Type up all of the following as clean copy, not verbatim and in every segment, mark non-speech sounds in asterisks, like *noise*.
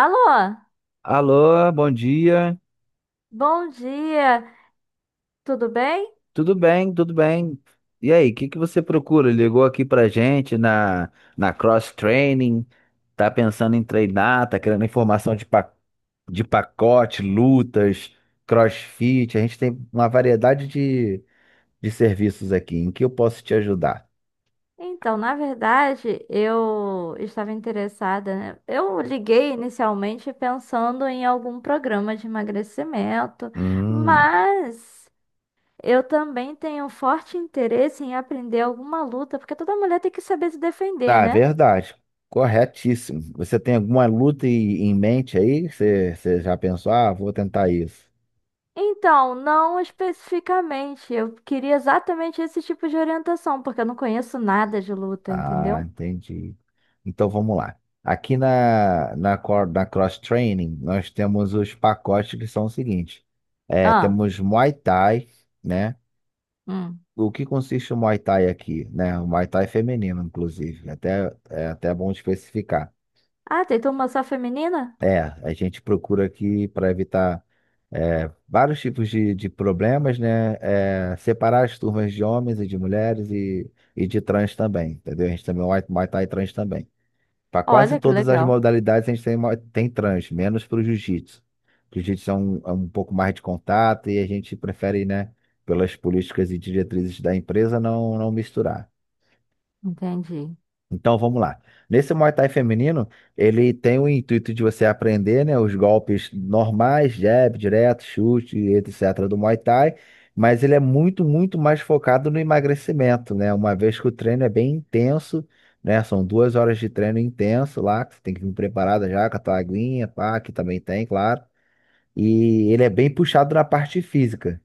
Alô, Alô, bom dia. bom dia, tudo bem? Tudo bem, tudo bem. E aí, o que que você procura? Ligou aqui pra gente na Cross Training? Tá pensando em treinar? Tá querendo informação de pacote, lutas, CrossFit? A gente tem uma variedade de serviços aqui. Em que eu posso te ajudar? Então, na verdade, eu estava interessada, né? Eu liguei inicialmente pensando em algum programa de emagrecimento, Hum, mas eu também tenho forte interesse em aprender alguma luta, porque toda mulher tem que saber se defender, tá, né? verdade. Corretíssimo. Você tem alguma luta em mente aí? Você já pensou? Ah, vou tentar isso. Então, não especificamente, eu queria exatamente esse tipo de orientação, porque eu não conheço nada de luta, Ah, entendeu? entendi. Então vamos lá. Aqui na Cross Training, nós temos os pacotes que são os seguintes. É, Ah, temos Muay Thai, né? hum. O que consiste o Muay Thai aqui, né? O Muay Thai feminino, inclusive. É até bom especificar. Ah, tem turma só feminina? É, a gente procura aqui para evitar vários tipos de problemas, né? É, separar as turmas de homens e de mulheres e de trans também, entendeu? A gente também, Muay Thai trans também. Para quase Olha que todas as legal. modalidades a gente tem trans, menos para o jiu-jitsu. O Jiu-jitsu é um pouco mais de contato e a gente prefere, né, pelas políticas e diretrizes da empresa, não, não misturar. Entendi. Então vamos lá. Nesse Muay Thai feminino, ele tem o intuito de você aprender, né, os golpes normais, jab, direto, chute, etc. do Muay Thai, mas ele é muito, muito mais focado no emagrecimento, né? Uma vez que o treino é bem intenso, né? São 2 horas de treino intenso lá, que você tem que vir preparada já com a tua aguinha, pá, que também tem, claro. E ele é bem puxado na parte física.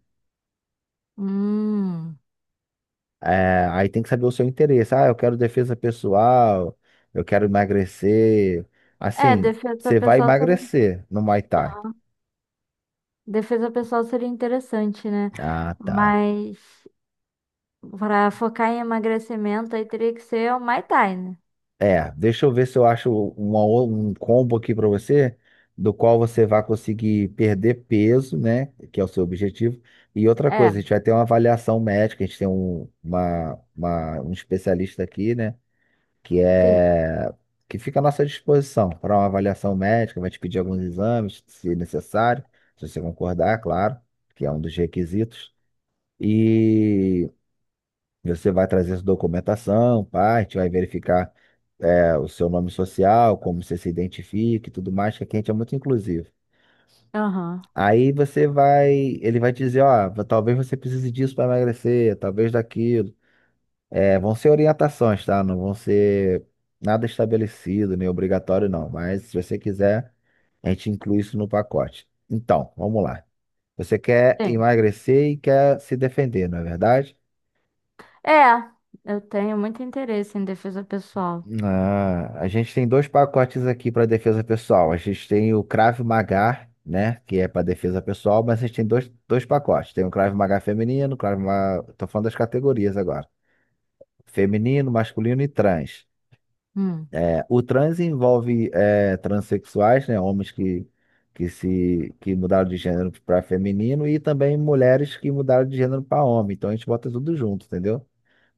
Hum. É, aí tem que saber o seu interesse. Ah, eu quero defesa pessoal, eu quero emagrecer. É, Assim, você vai emagrecer no Muay Thai. defesa pessoal seria interessante, né? Ah, tá. Mas para focar em emagrecimento aí teria que ser o Muay Thai, né? É, deixa eu ver se eu acho um combo aqui pra você, do qual você vai conseguir perder peso, né? Que é o seu objetivo. E outra É, coisa, a gente vai ter uma avaliação médica, a gente tem um especialista aqui, né? que sim. é que fica à nossa disposição para uma avaliação médica, vai te pedir alguns exames, se necessário, se você concordar, claro, que é um dos requisitos. E você vai trazer sua documentação, vai verificar o seu nome social, como você se identifica e tudo mais, que aqui a gente é muito inclusivo. Aham. Aí você vai, ele vai dizer, ó, talvez você precise disso para emagrecer, talvez daquilo. É, vão ser orientações, tá? Não vão ser nada estabelecido, nem obrigatório, não. Mas se você quiser, a gente inclui isso no pacote. Então, vamos lá. Você quer Sim. emagrecer e quer se defender, não é verdade? É, eu tenho muito interesse em defesa pessoal. Ah, a gente tem dois pacotes aqui para defesa pessoal. A gente tem o Krav Maga, né? Que é para defesa pessoal, mas a gente tem dois pacotes. Tem o Krav Maga feminino, Krav Maga... Tô falando das categorias agora. Feminino, masculino e trans. Hum. É, o trans envolve transexuais, né, homens que se que mudaram de gênero para feminino e também mulheres que mudaram de gênero para homem. Então a gente bota tudo junto, entendeu?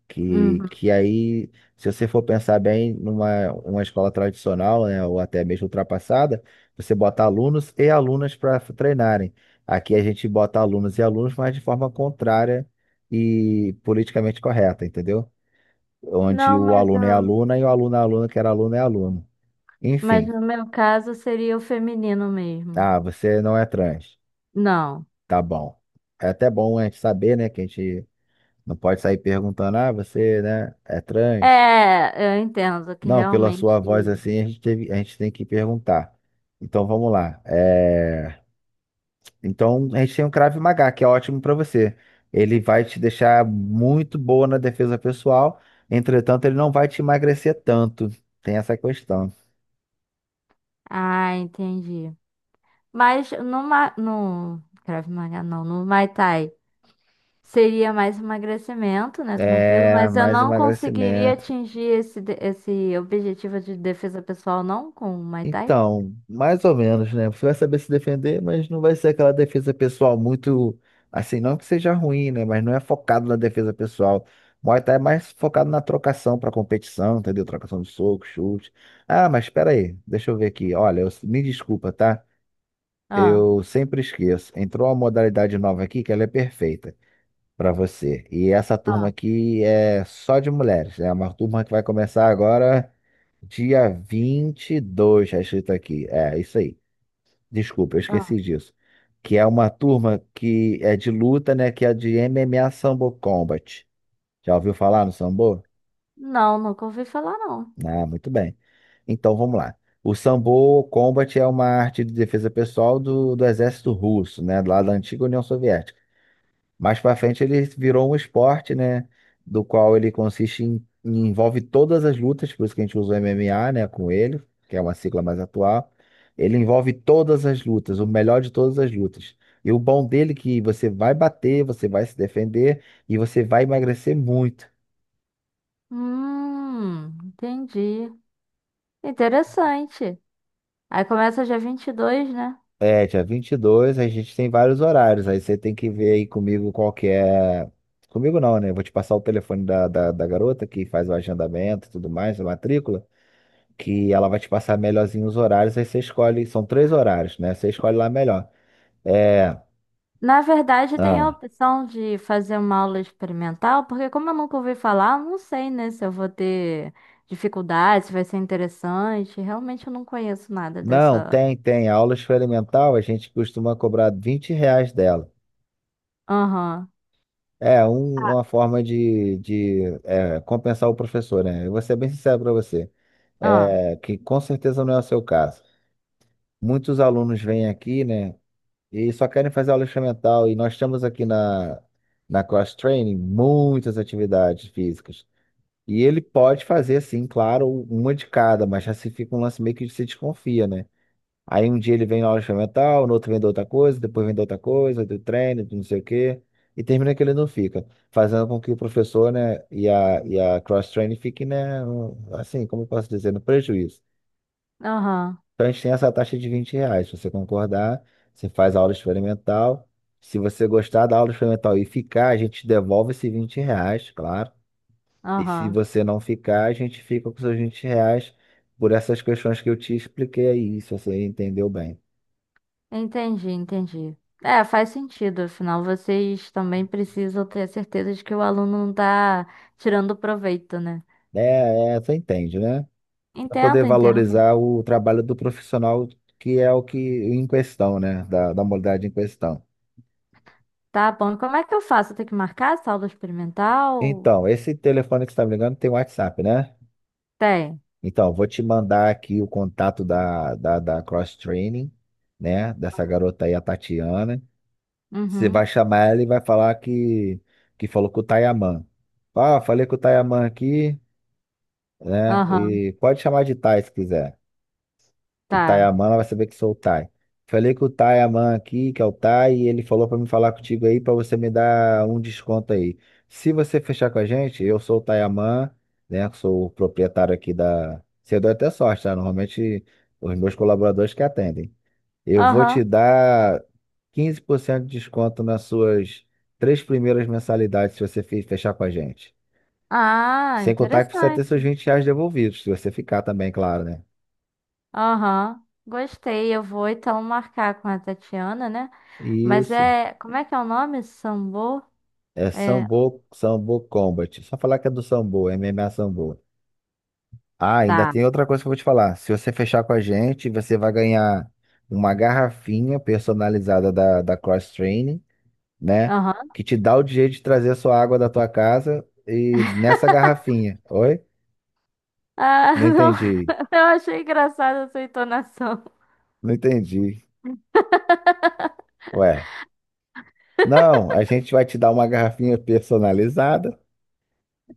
Que, Uhum. que aí, se você for pensar bem numa uma escola tradicional, né, ou até mesmo ultrapassada, você bota alunos e alunas para treinarem. Aqui a gente bota alunos e alunos, mas de forma contrária e politicamente correta, entendeu? Onde Não, o mas, aluno é aluna e o aluno é aluno, que era aluno é aluno. mas Enfim, no meu caso seria o feminino mesmo. ah, você não é trans. Não. Tá bom. É até bom a gente saber, né, que a gente não pode sair perguntando, ah, você, né, é trans? É, eu entendo que Não, pela realmente. sua voz assim, a gente tem que perguntar. Então vamos lá. Então a gente tem um Krav Maga, que é ótimo para você. Ele vai te deixar muito boa na defesa pessoal, entretanto, ele não vai te emagrecer tanto. Tem essa questão. Ah, entendi. Mas no Krav Maga, não, no Muay Thai seria mais emagrecimento, né? Tranquilo, É, mas eu mais não conseguiria emagrecimento. atingir esse objetivo de defesa pessoal, não, com o Muay Thai? Então, mais ou menos, né? Você vai saber se defender, mas não vai ser aquela defesa pessoal muito assim, não que seja ruim, né? Mas não é focado na defesa pessoal. Muay Thai é mais focado na trocação para competição, entendeu? Trocação de soco, chute. Ah, mas espera aí, deixa eu ver aqui. Olha, me desculpa, tá? Ah, Eu sempre esqueço. Entrou uma modalidade nova aqui que ela é perfeita para você. E essa turma ah, aqui é só de mulheres, né? É uma turma que vai começar agora dia 22, está escrito aqui. É, isso aí. Desculpa, eu ah. esqueci disso. Que é uma turma que é de luta, né? Que é de MMA Sambo Combat. Já ouviu falar no Sambo? Não, nunca ouvi falar, não. Ah, muito bem. Então vamos lá. O Sambo Combat é uma arte de defesa pessoal do exército russo, né? Lá da antiga União Soviética. Mais para frente ele virou um esporte, né? Do qual ele consiste em, envolve todas as lutas, por isso que a gente usa o MMA, né? Com ele, que é uma sigla mais atual. Ele envolve todas as lutas, o melhor de todas as lutas. E o bom dele é que você vai bater, você vai se defender e você vai emagrecer muito. Entendi. Interessante. Aí começa dia 22, né? Dia 22. A gente tem vários horários, aí você tem que ver aí comigo qual que é. Comigo não, né? Eu vou te passar o telefone da garota que faz o agendamento e tudo mais, a matrícula. Que ela vai te passar melhorzinho os horários, aí você escolhe, são três horários, né? Você escolhe lá melhor. É, Na verdade, tem a ah, opção de fazer uma aula experimental, porque como eu nunca ouvi falar, eu não sei, né, se eu vou ter dificuldade, se vai ser interessante. Realmente eu não conheço nada não, dessa. tem, tem. A aula experimental a gente costuma cobrar R$ 20 dela. Aham. É um- Ah, uma forma de compensar o professor, né? Eu vou ser bem sincero para você, ah, que com certeza não é o seu caso. Muitos alunos vêm aqui, né, e só querem fazer aula experimental, e nós temos aqui na, na Cross Training muitas atividades físicas. E ele pode fazer, assim, claro, uma de cada, mas já se fica um lance meio que se desconfia, né? Aí um dia ele vem na aula experimental, no outro vem da outra coisa, depois vem da outra coisa, do treino, de não sei o quê, e termina que ele não fica, fazendo com que o professor, né, e a cross-training fiquem, né, assim, como eu posso dizer, no prejuízo. aham, Então a gente tem essa taxa de R$ 20, se você concordar, você faz a aula experimental, se você gostar da aula experimental e ficar, a gente devolve esse R$ 20, claro. E se aham. você não ficar, a gente fica com seus R$ 20 por essas questões que eu te expliquei aí, se você entendeu bem. Entendi, entendi. É, faz sentido, afinal, vocês também precisam ter certeza de que o aluno não tá tirando proveito, né? É, é, você entende, né? Para poder Entendo, entendo. valorizar o trabalho do profissional, que é o que em questão, né? Da, da modalidade em questão. Tá bom. E como é que eu faço? Eu tenho que marcar essa aula experimental? Então, esse telefone que você está me ligando tem WhatsApp, né? Tem. Então, vou te mandar aqui o contato da Cross Training, né? Dessa garota aí, a Tatiana. Você vai Uhum. chamar ela e vai falar que falou com o Tayaman. Ah, falei com o Tayaman aqui, né? Aham. E pode chamar de Tai se quiser. O Tá. Tayaman, ela vai saber que sou o Tai. Falei com o Tayaman aqui, que é o Tai, e ele falou pra me falar contigo aí, pra você me dar um desconto aí. Se você fechar com a gente, eu sou o Tayaman, né? Que sou o proprietário aqui da. Você deu até sorte, tá? Normalmente os meus colaboradores que atendem. Eu vou te Aham. dar 15% de desconto nas suas três primeiras mensalidades se você fechar com a gente. Ah, Sem contar que você vai ter seus interessante. R$ 20 devolvidos, se você ficar também, claro, né? Aham. Gostei. Eu vou então marcar com a Tatiana, né? Mas Isso. é. Como é que é o nome? Sambô? É É. Sambo, Sambo Combat. Só falar que é do Sambo, MMA Sambo. Ah, ainda Tá. tem outra coisa que eu vou te falar. Se você fechar com a gente, você vai ganhar uma garrafinha personalizada da Cross Training, né? Aham. Que te dá o direito de trazer a sua água da tua casa e nessa garrafinha. Oi? Ah, Não *laughs* não. entendi, Eu achei engraçada a sua entonação. não entendi. Ué, não, a gente vai te dar uma garrafinha personalizada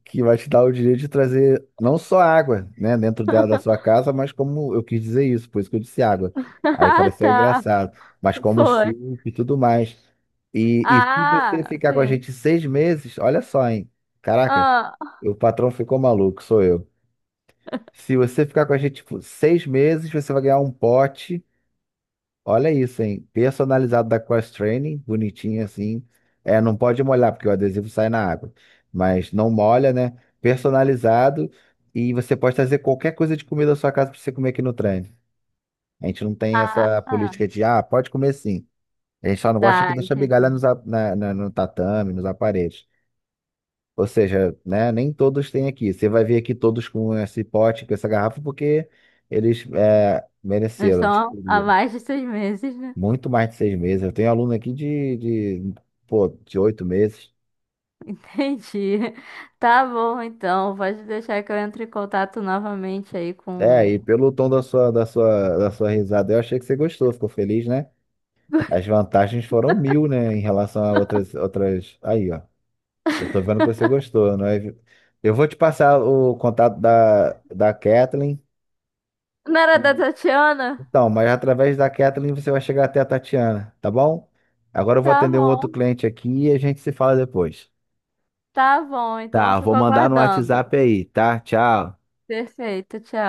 que vai te dar o direito de trazer não só água, né, dentro dela da sua casa, mas como eu quis dizer isso, por isso que eu disse água. *laughs* Aí Ah, pareceu tá. engraçado, mas como Foi. suco e tudo mais. E se você Ah, ficar com a sim. gente 6 meses, olha só, hein? Caraca, Ah, o patrão ficou maluco, sou eu. Se você ficar com a gente tipo, 6 meses, você vai ganhar um pote. Olha isso, hein? Personalizado da Cross Training, bonitinho assim. É, não pode molhar, porque o adesivo sai na água. Mas não molha, né? Personalizado. E você pode trazer qualquer coisa de comida da sua casa pra você comer aqui no trem. A gente não tem ah, essa ah. política de, ah, pode comer sim. A gente só não gosta que Tá, deixa migalha entendi. nos, a- na, na- no tatame, nos aparelhos. Ou seja, né, nem todos têm aqui. Você vai ver aqui todos com esse pote, com essa garrafa, porque eles Nós mereceram. Tipo, estamos há mais de 6 meses, né? muito mais de 6 meses. Eu tenho aluno aqui de, de 8 meses. Entendi. *laughs* Tá bom, então. Pode deixar que eu entre em contato novamente aí É, com. e pelo tom da sua risada, eu achei que você gostou, ficou feliz, né? As vantagens foram mil, né, em relação a outras, outras. Aí, ó. Eu tô vendo que você gostou, não é? Eu vou te passar o contato da Kathleen. Não era da que- Tatiana? Então, mas através da Kathleen você vai chegar até a Tatiana, tá bom? Agora eu vou Tá atender um outro bom, cliente aqui e a gente se fala depois. tá bom. Então eu Tá, fico vou mandar no aguardando. WhatsApp aí, tá? Tchau. Perfeito, tchau.